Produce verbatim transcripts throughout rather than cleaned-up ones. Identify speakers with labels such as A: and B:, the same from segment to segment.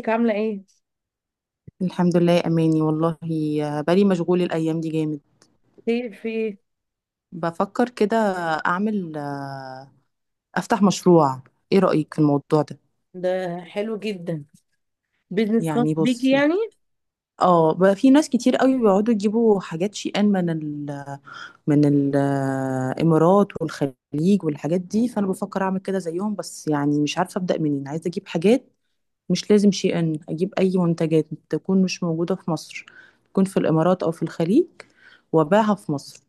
A: ازيك عاملة ايه؟
B: الحمد لله يا اماني والله. بالي مشغول الايام دي جامد.
A: خير في ايه؟
B: بفكر كده اعمل آه، افتح مشروع، ايه رايك في الموضوع ده؟
A: ده حلو جدا، بيزنس خاص
B: يعني
A: بيكي
B: بصي،
A: يعني.
B: اه بقى في ناس كتير قوي بيقعدوا يجيبوا حاجات شي ان من ال من الامارات والخليج والحاجات دي، فانا بفكر اعمل كده زيهم، بس يعني مش عارفه ابدا منين عايزه اجيب حاجات. مش لازم شي ان، اجيب اي منتجات تكون مش موجوده في مصر، تكون في الامارات او في الخليج، وابيعها في مصر.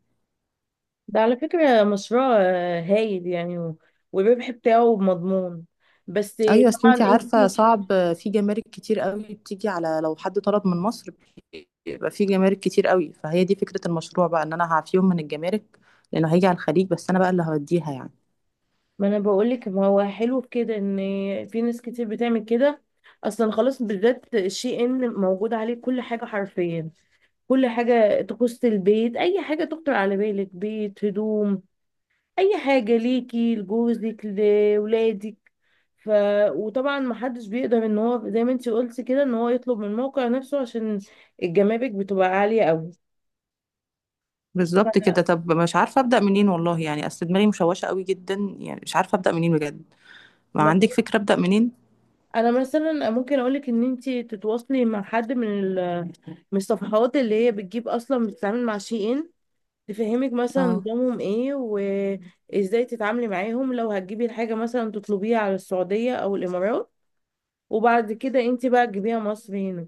A: ده على فكرة مشروع آه، هايل يعني و- والربح بتاعه مضمون. بس
B: ايوه، اصل
A: طبعا
B: انتي عارفه
A: انتي.
B: صعب، في جمارك كتير قوي بتيجي على، لو حد طلب من مصر بيبقى في جمارك كتير قوي، فهي دي فكره المشروع بقى، ان انا هعفيهم من الجمارك لانه هيجي على الخليج بس انا بقى اللي هوديها يعني.
A: ما انا بقولك ما هو حلو في كده ان في ناس كتير بتعمل كده. اصلا خلاص بالذات الشي ان موجود عليه كل حاجة حرفيا، كل حاجة تخص البيت، اي حاجة تخطر على بالك، بيت، هدوم، اي حاجه ليكي لجوزك لولادك. ف وطبعا ما حدش بيقدر ان هو زي ما انت قلتي كده ان هو يطلب من الموقع نفسه، عشان الجمارك بتبقى عاليه قوي.
B: بالظبط كده،
A: فأنا-
B: طب مش عارفه ابدا منين والله، يعني اصل دماغي مشوشه قوي جدا، يعني مش عارفه ابدا منين بجد. ما
A: ما-
B: عندك فكره ابدا منين؟
A: انا مثلا ممكن اقولك ان انت تتواصلي مع حد من ال- من الصفحات اللي هي بتجيب، اصلا بتتعامل مع شي ان، تفهمك مثلا
B: اه،
A: نظامهم ايه وازاي تتعاملي معاهم لو هتجيبي الحاجه، مثلا تطلبيها على السعوديه او الامارات، وبعد كده انت بقى تجيبيها مصر هنا.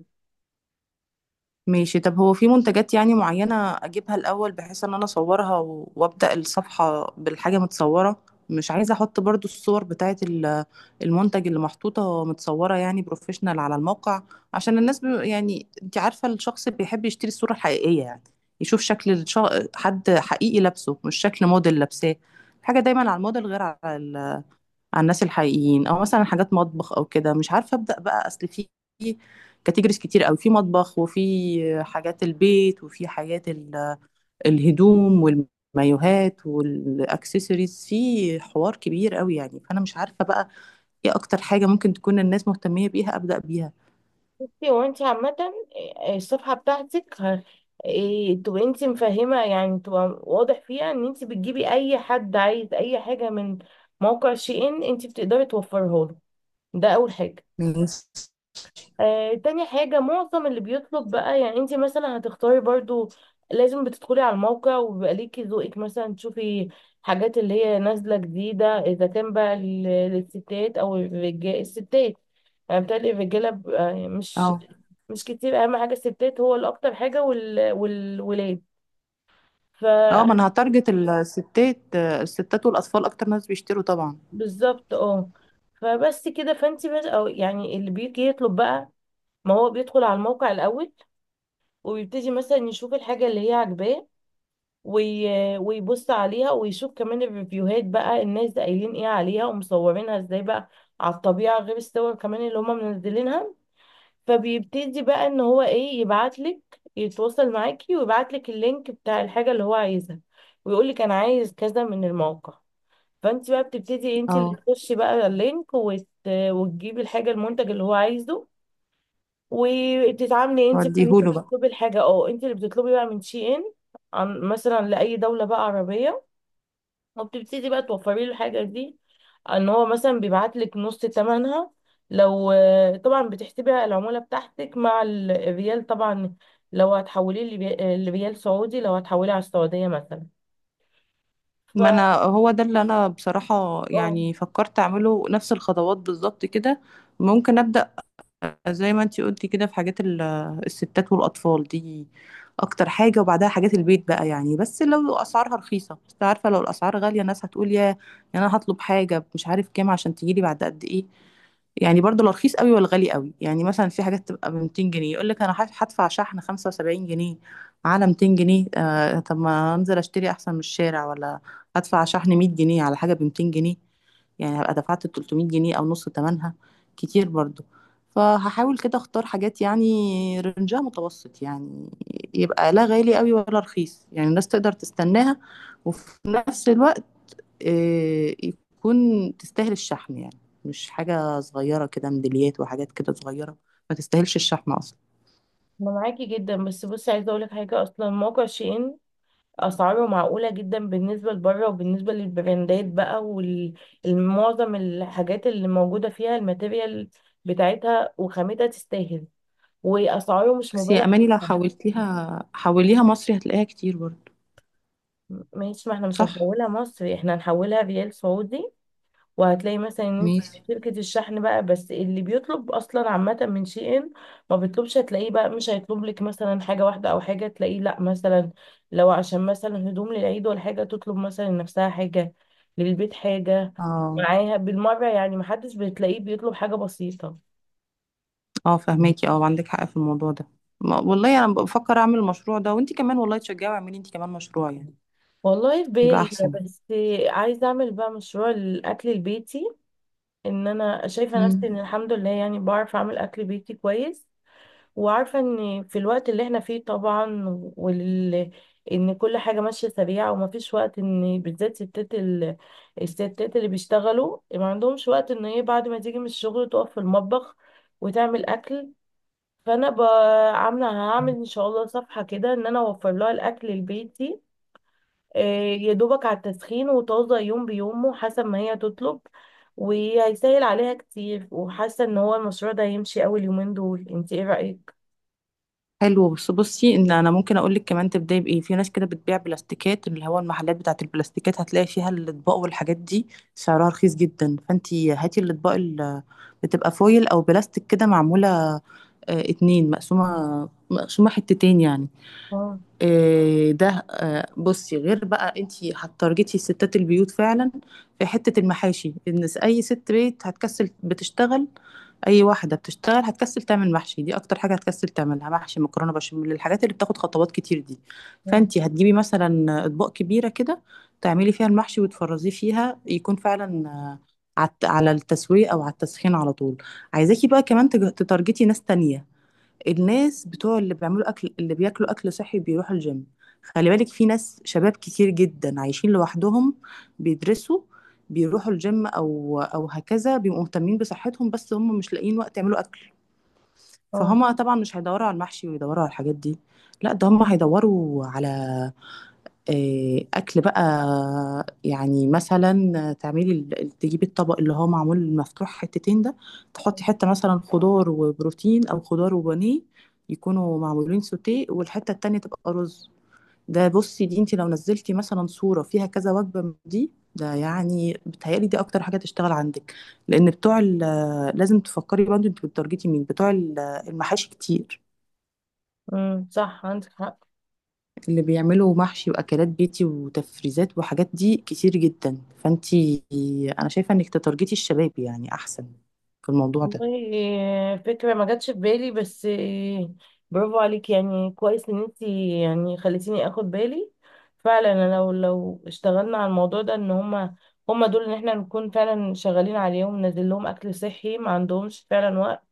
B: ماشي. طب هو في منتجات يعني معينة أجيبها الأول، بحيث إن أنا أصورها و- وأبدأ الصفحة بالحاجة متصورة. مش عايزة أحط برضو الصور بتاعة ال- المنتج اللي محطوطة متصورة يعني بروفيشنال على الموقع، عشان الناس ب... يعني أنت عارفة الشخص بيحب يشتري الصورة الحقيقية، يعني يشوف شكل الش... حد حقيقي لابسه، مش شكل موديل لابساه. الحاجة دايما على الموديل غير على على الناس الحقيقيين. او مثلا حاجات مطبخ او كده، مش عارفه ابدا بقى، اصل في كاتيجوريز كتير قوي، في مطبخ، وفي حاجات البيت، وفي حاجات ال- الهدوم والمايوهات والاكسسوارز، في حوار كبير قوي يعني، فانا مش عارفه بقى ايه اكتر حاجه ممكن تكون الناس مهتميه بيها، ابدا بيها.
A: بصي، هو انت عامة آه، آه، الصفحة بتاعتك ه- آه، تبقى انت مفهمة، يعني تبقى واضح فيها ان انت بتجيبي اي حد عايز اي حاجة من موقع شي ان انت بتقدري توفرها له. ده اول حاجة.
B: الناس-
A: آه، تاني حاجة، معظم اللي بيطلب بقى، يعني انت مثلا هتختاري برضو، لازم بتدخلي على الموقع وبيبقى ليكي ذوقك، مثلا تشوفي حاجات اللي هي نازلة جديدة، اذا كان بقى لل- للستات او الرجال. الستات، يعني بتهيألي الرجالة بيبقى مش،
B: اه.
A: مش كتير. اهم حاجه الستات، هو اللي اكتر حاجه وال... والولاد. ف
B: اه، ما انا هتارجت الستات، الستات والاطفال اكتر ناس بيشتروا طبعا.
A: بالظبط اه. فبس كده، فانت بس، او يعني اللي بيجي يطلب بقى، ما هو بيدخل على الموقع الاول، وبيبتدي مثلا يشوف الحاجه اللي هي عاجباه، وي... ويبص عليها ويشوف كمان الريفيوهات بقى، الناس قايلين ايه عليها ومصورينها ازاي بقى على الطبيعه، غير الصور كمان اللي هم منزلينها. فبيبتدي بقى ان هو ايه، يبعتلك، يتواصل معاكي ويبعتلك اللينك بتاع الحاجة اللي هو عايزها، ويقولك انا عايز كذا من الموقع. فانت بقى بتبتدي إيه، انت
B: اه،
A: اللي تخشي بقى اللينك وت... وتجيبي الحاجة، المنتج اللي هو عايزه. وبتتعاملي انت بقى ان انت
B: وديهوله بقى.
A: بتطلبي الحاجة، اه، انت اللي بتطلبي بقى من شي ان، عن مثلا لأي دولة بقى عربية. وبتبتدي بقى توفري له الحاجة دي. ان هو مثلا بيبعت لك نص تمنها، لو، طبعا بتحسبي العمولة بتاعتك مع ال- الريال طبعا، لو هتحوليه لبي- لريال سعودي، لو هتحوليه على السعودية مثلا. ف
B: ما انا هو ده اللي انا بصراحة
A: اه.
B: يعني فكرت اعمله، نفس الخطوات بالظبط كده. ممكن ابدأ زي ما انتي قلتي كده، في حاجات ال- الستات والاطفال دي اكتر حاجه، وبعدها حاجات البيت بقى يعني. بس لو اسعارها رخيصه، بس عارفه لو الاسعار غاليه الناس هتقول يا، يعني انا هطلب حاجه مش عارف كام عشان تجيلي بعد قد ايه. يعني برضو لا رخيص قوي ولا غالي قوي، يعني مثلا في حاجات تبقى ب ميتين جنيه، يقول لك انا هدف- هدفع شحن خمسة وسبعين جنيه على ميتين جنيه، آه طب ما انزل اشتري احسن من الشارع، ولا هدفع شحن مية جنيه على حاجه ب ميتين جنيه، يعني هبقى دفعت تلتمية جنيه او نص ثمنها، كتير برضو. فهحاول كده اختار حاجات يعني رنجها متوسط، يعني يبقى لا غالي قوي ولا رخيص، يعني الناس تقدر تستناها، وفي نفس الوقت آه، يكون تستاهل الشحن يعني، مش حاجة صغيرة كده، ميداليات وحاجات كده صغيرة ما تستاهلش الشحن أصلا.
A: انا معاكي جدا، بس بصي عايزة اقولك حاجة، اصلا موقع شين اسعاره معقولة جدا بالنسبة لبره وبالنسبة للبراندات بقى، والمعظم الحاجات اللي موجودة فيها الماتيريال بتاعتها وخامتها تستاهل، واسعاره مش
B: بس
A: مبالغ.
B: يا أماني، لو حولتيها حوليها مصري هتلاقيها كتير برضه.
A: ماشي، ما احنا مش
B: صح؟
A: هنحولها مصري، احنا هنحولها ريال سعودي. وهتلاقي مثلا ان انت،
B: ماشي.
A: شركة الشحن بقى، بس اللي بيطلب اصلا عامة من شي ان، ما بيطلبش هتلاقيه بقى، مش هيطلب لك مثلا حاجة واحدة او حاجة، تلاقيه لا مثلا، لو عشان مثلا هدوم للعيد ولا حاجة، تطلب مثلا لنفسها حاجة، للبيت حاجة،
B: اه.
A: معاها بالمرة. يعني محدش بتلاقيه بيطلب حاجة بسيطة.
B: اه، فهماكي. اه، عندك حق في الموضوع ده. ما- والله أنا بفكر أعمل المشروع ده، وأنتي كمان والله تشجعي واعملي أنتي كمان مشروع، يعني
A: والله في
B: يبقى
A: بالي،
B: أحسن.
A: بس عايزة اعمل بقى مشروع الاكل البيتي. ان انا شايفه نفسي
B: مم.
A: ان الحمد لله يعني بعرف اعمل اكل بيتي كويس، وعارفه ان في الوقت اللي احنا فيه طبعا، وال ان كل حاجه ماشيه سريعه، ومفيش وقت ان بالذات ستات ال... الستات اللي بيشتغلوا، ما عندهمش وقت ان هي بعد ما تيجي من الشغل تقف في المطبخ وتعمل اكل. فانا ب- عامله هعمل ان شاء الله صفحه كده ان انا اوفر لها الاكل لبيتي، آه، يا دوبك على التسخين، وطازة يوم بيومه حسب ما هي تطلب، وهيسهل عليها كتير. وحاسة ان هو المشروع ده هيمشي اول يومين دول. انت ايه رأيك؟
B: حلو، بس بصي ان انا ممكن اقول لك كمان تبداي بايه. في ناس كده بتبيع بلاستيكات، اللي هو المحلات بتاعه البلاستيكات هتلاقي فيها الاطباق والحاجات دي، سعرها رخيص جدا، فانتي هاتي الاطباق اللي بتبقى فويل او بلاستيك كده، معموله آه، اتنين، مقسومه مقسومه حتتين يعني.
A: اه،
B: إيه ده، آه، بصي، غير بقى انت هتارجتي الستات، البيوت فعلا، في حتة المحاشي، ان س- اي ست بيت هتكسل، بتشتغل، اي واحدة بتشتغل هتكسل تعمل محشي، دي اكتر حاجة هتكسل تعملها، محشي، مكرونة بشاميل، الحاجات اللي بتاخد خطوات كتير دي. فانت
A: اه،
B: هتجيبي مثلا اطباق كبيرة كده تعملي فيها المحشي وتفرزيه فيها، يكون فعلا آه، عت- على التسوية او على التسخين على طول. عايزاكي بقى كمان تج- تتارجتي ناس تانية، الناس بتوع اللي بيعملوا اكل، اللي بياكلوا اكل صحي، بيروحوا الجيم. خلي بالك، في ناس شباب كتير جدا عايشين لوحدهم، بيدرسوا، بيروحوا الجيم او او هكذا، بيبقوا مهتمين بصحتهم، بس هم مش لاقيين وقت يعملوا اكل.
A: اه.
B: فهم طبعا مش هيدوروا على المحشي ويدوروا على الحاجات دي، لا ده هم هيدوروا على آه، اكل بقى. يعني مثلا تعملي ال- تجيبي الطبق اللي هو معمول مفتوح حتتين ده، تحطي حته مثلا خضار وبروتين، او خضار وبانيه، يكونوا معمولين سوتيه، والحته التانية تبقى رز. ده بصي دي، انت لو نزلتي مثلا صوره فيها كذا وجبه من دي، ده يعني بتهيألي دي اكتر حاجه تشتغل عندك. لان بتوع ال- لازم تفكري برضه انت بتارجتي مين، بتوع ال- المحاشي كتير،
A: امم، صح عندك حق.
B: اللي بيعملوا محشي واكلات بيتي وتفريزات وحاجات دي كتير جدا، فانتي انا شايفه انك تتارجتي الشباب يعني احسن في الموضوع ده.
A: والله آه، فكرة ما جاتش في بالي، بس آه، برافو عليك، يعني كويس ان انت يعني خليتيني اخد بالي. فعلا انا لو لو اشتغلنا على الموضوع ده، ان هما، هما دول ان احنا نكون فعلا شغالين عليهم، ننزل لهم اكل صحي، ما عندهمش فعلا وقت،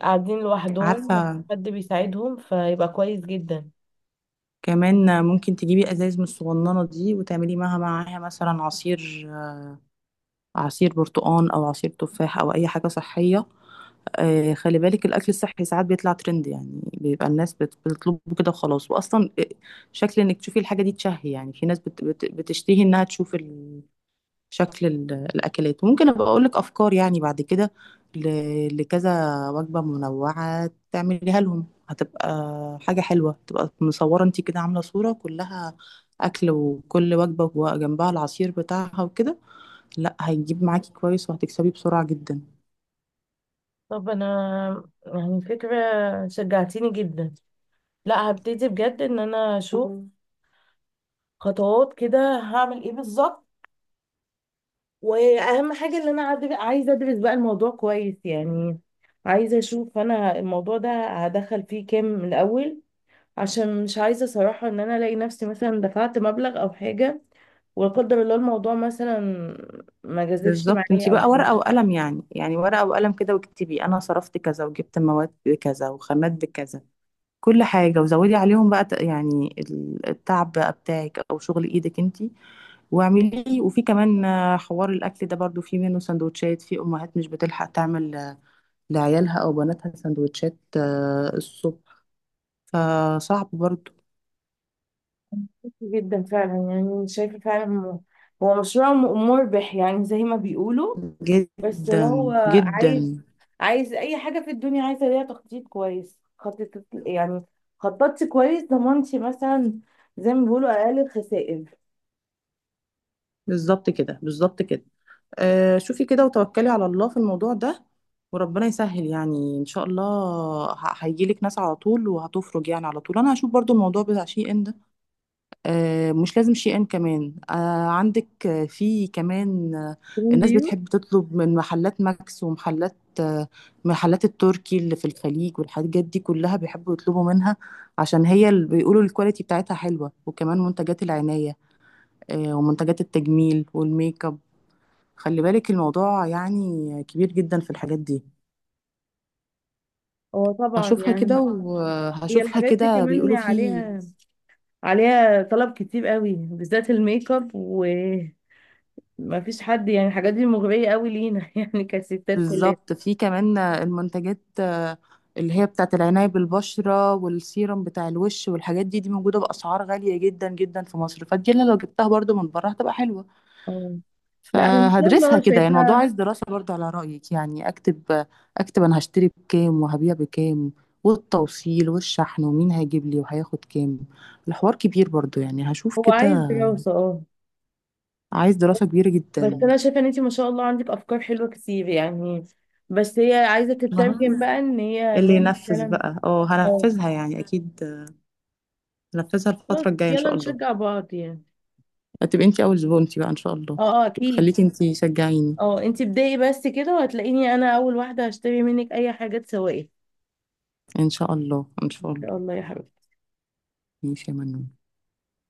A: قاعدين لوحدهم مفيش
B: عارفه،
A: حد بيساعدهم، فيبقى كويس جدا.
B: كمان ممكن تجيبي ازايز من الصغننه دي وتعملي معاها معاها مثلا عصير، عصير برتقان او عصير تفاح او اي حاجه صحيه. آه، خلي بالك، الاكل الصحي ساعات بيطلع ترند، يعني بيبقى الناس بت- بتطلبه كده وخلاص. واصلا آه، شكل انك تشوفي الحاجه دي تشهي يعني، في ناس بت- بت- بتشتهي انها تشوف ال- شكل ال- الأكلات. ممكن أبقى أقولك أفكار يعني بعد كده ل- لكذا وجبة منوعة تعمليها لهم، هتبقى حاجة حلوة، تبقى مصورة انتي كده، عاملة صورة كلها أكل، وكل وجبة وجنبها العصير بتاعها وكده، لا هيجيب معاكي كويس وهتكسبي بسرعة جدا.
A: طب انا، يعني فكرة، شجعتيني جدا. لا، هبتدي بجد ان انا اشوف، مم، خطوات كده هعمل ايه بالظبط. واهم حاجة ان انا عاد- عايزة ادرس بقى الموضوع كويس يعني. عايزة اشوف انا الموضوع ده هدخل فيه كام من الاول، عشان مش عايزة صراحة ان انا الاقي نفسي مثلا دفعت مبلغ او حاجة، ولا قدر الله الموضوع مثلا ما جازفش
B: بالظبط، انتي
A: معايا او
B: بقى
A: حاجة.
B: ورقة وقلم يعني، يعني ورقة وقلم كده، واكتبي أنا صرفت كذا وجبت مواد بكذا وخامات بكذا، كل حاجة، وزودي عليهم بقى ت- يعني ال- التعب بقى بتاعك أو شغل إيدك انتي، واعملي. وفي كمان آه، حوار الاكل ده برضو، في منه سندوتشات، في امهات مش بتلحق تعمل آه، لعيالها او بناتها سندوتشات آه، الصبح، فصعب برضو
A: جدا فعلا، يعني شايفة فعلا هو، هو مشروع م- مربح يعني زي ما بيقولوا. بس
B: جدا
A: هو عايز،
B: جدا.
A: عايز، أي حاجة في الدنيا عايزة ليها تخطيط كويس. خطط يعني، خططت كويس، ضمنتي مثلا، زي ما بيقولوا أقل الخسائر،
B: بالظبط كده، بالظبط كده. آه، شوفي كده وتوكلي على الله في الموضوع ده، وربنا يسهل يعني ان شاء الله، ه- هيجيلك ناس على طول وهتفرج يعني على طول. انا هشوف برضو الموضوع بتاع شي ان ده، آه، مش لازم شيئا، كمان آه، عندك آه، في كمان آه،
A: من
B: الناس
A: ديون.
B: بتحب تطلب من محلات ماكس ومحلات آه، محلات التركي اللي في الخليج والحاجات دي كلها، بيحبوا يطلبوا منها عشان هي اللي بيقولوا الكواليتي بتاعتها حلوة. وكمان منتجات العناية آه، ومنتجات التجميل والميك اب، خلي بالك الموضوع يعني كبير جدا في الحاجات دي.
A: هو طبعا
B: هشوفها كده
A: يعني، هي
B: وهشوفها
A: الحاجات دي
B: كده،
A: كمان
B: بيقولوا في.
A: عليها، عليها طلب كتير قوي، بالذات الميك اب، وما فيش حد يعني. الحاجات دي مغرية قوي لينا يعني كستات كلنا.
B: بالظبط، في كمان المنتجات آه، اللي هي بتاعت العناية بالبشرة والسيرم بتاع الوش والحاجات دي، دي موجودة بأسعار غالية جدا جدا في مصر، فدي أنا لو جبتها برضو من بره هتبقى حلوة.
A: آه. لا أنا إن شاء
B: فهدرسها
A: الله
B: كده، يعني الموضوع
A: شايفاها.
B: عايز دراسة برضو على رأيك، يعني أكتب أكتب أنا هشتري بكام وهبيع بكام، والتوصيل والشحن ومين هيجيب لي وهياخد كام، الحوار كبير برضو يعني هشوف
A: هو
B: كده.
A: عايز دراسة اه.
B: عايز دراسة كبيرة
A: بس
B: جدا.
A: انا شايفة ان انتي ما شاء الله عندك افكار حلوة كتير يعني، بس هي عايزة
B: ما هو
A: تترجم بقى ان هي
B: اللي
A: نعمل
B: ينفذ
A: فعلا.
B: بقى، اه
A: اه.
B: هنفذها يعني أكيد، ننفذها
A: خلاص
B: الفترة الجاية إن
A: يلا
B: شاء الله.
A: نشجع بعض يعني.
B: هتبقي أنتي أول زبونتي بقى إن شاء الله،
A: اه، اه، اكيد.
B: خليكي أنتي شجعيني.
A: اه، انتي ابدأي بس كده، وهتلاقيني انا اول واحدة هشتري منك اي حاجة تسوقي، ان
B: إن شاء الله إن شاء الله.
A: شاء الله يا حبيبتي.
B: ماشي يا منون.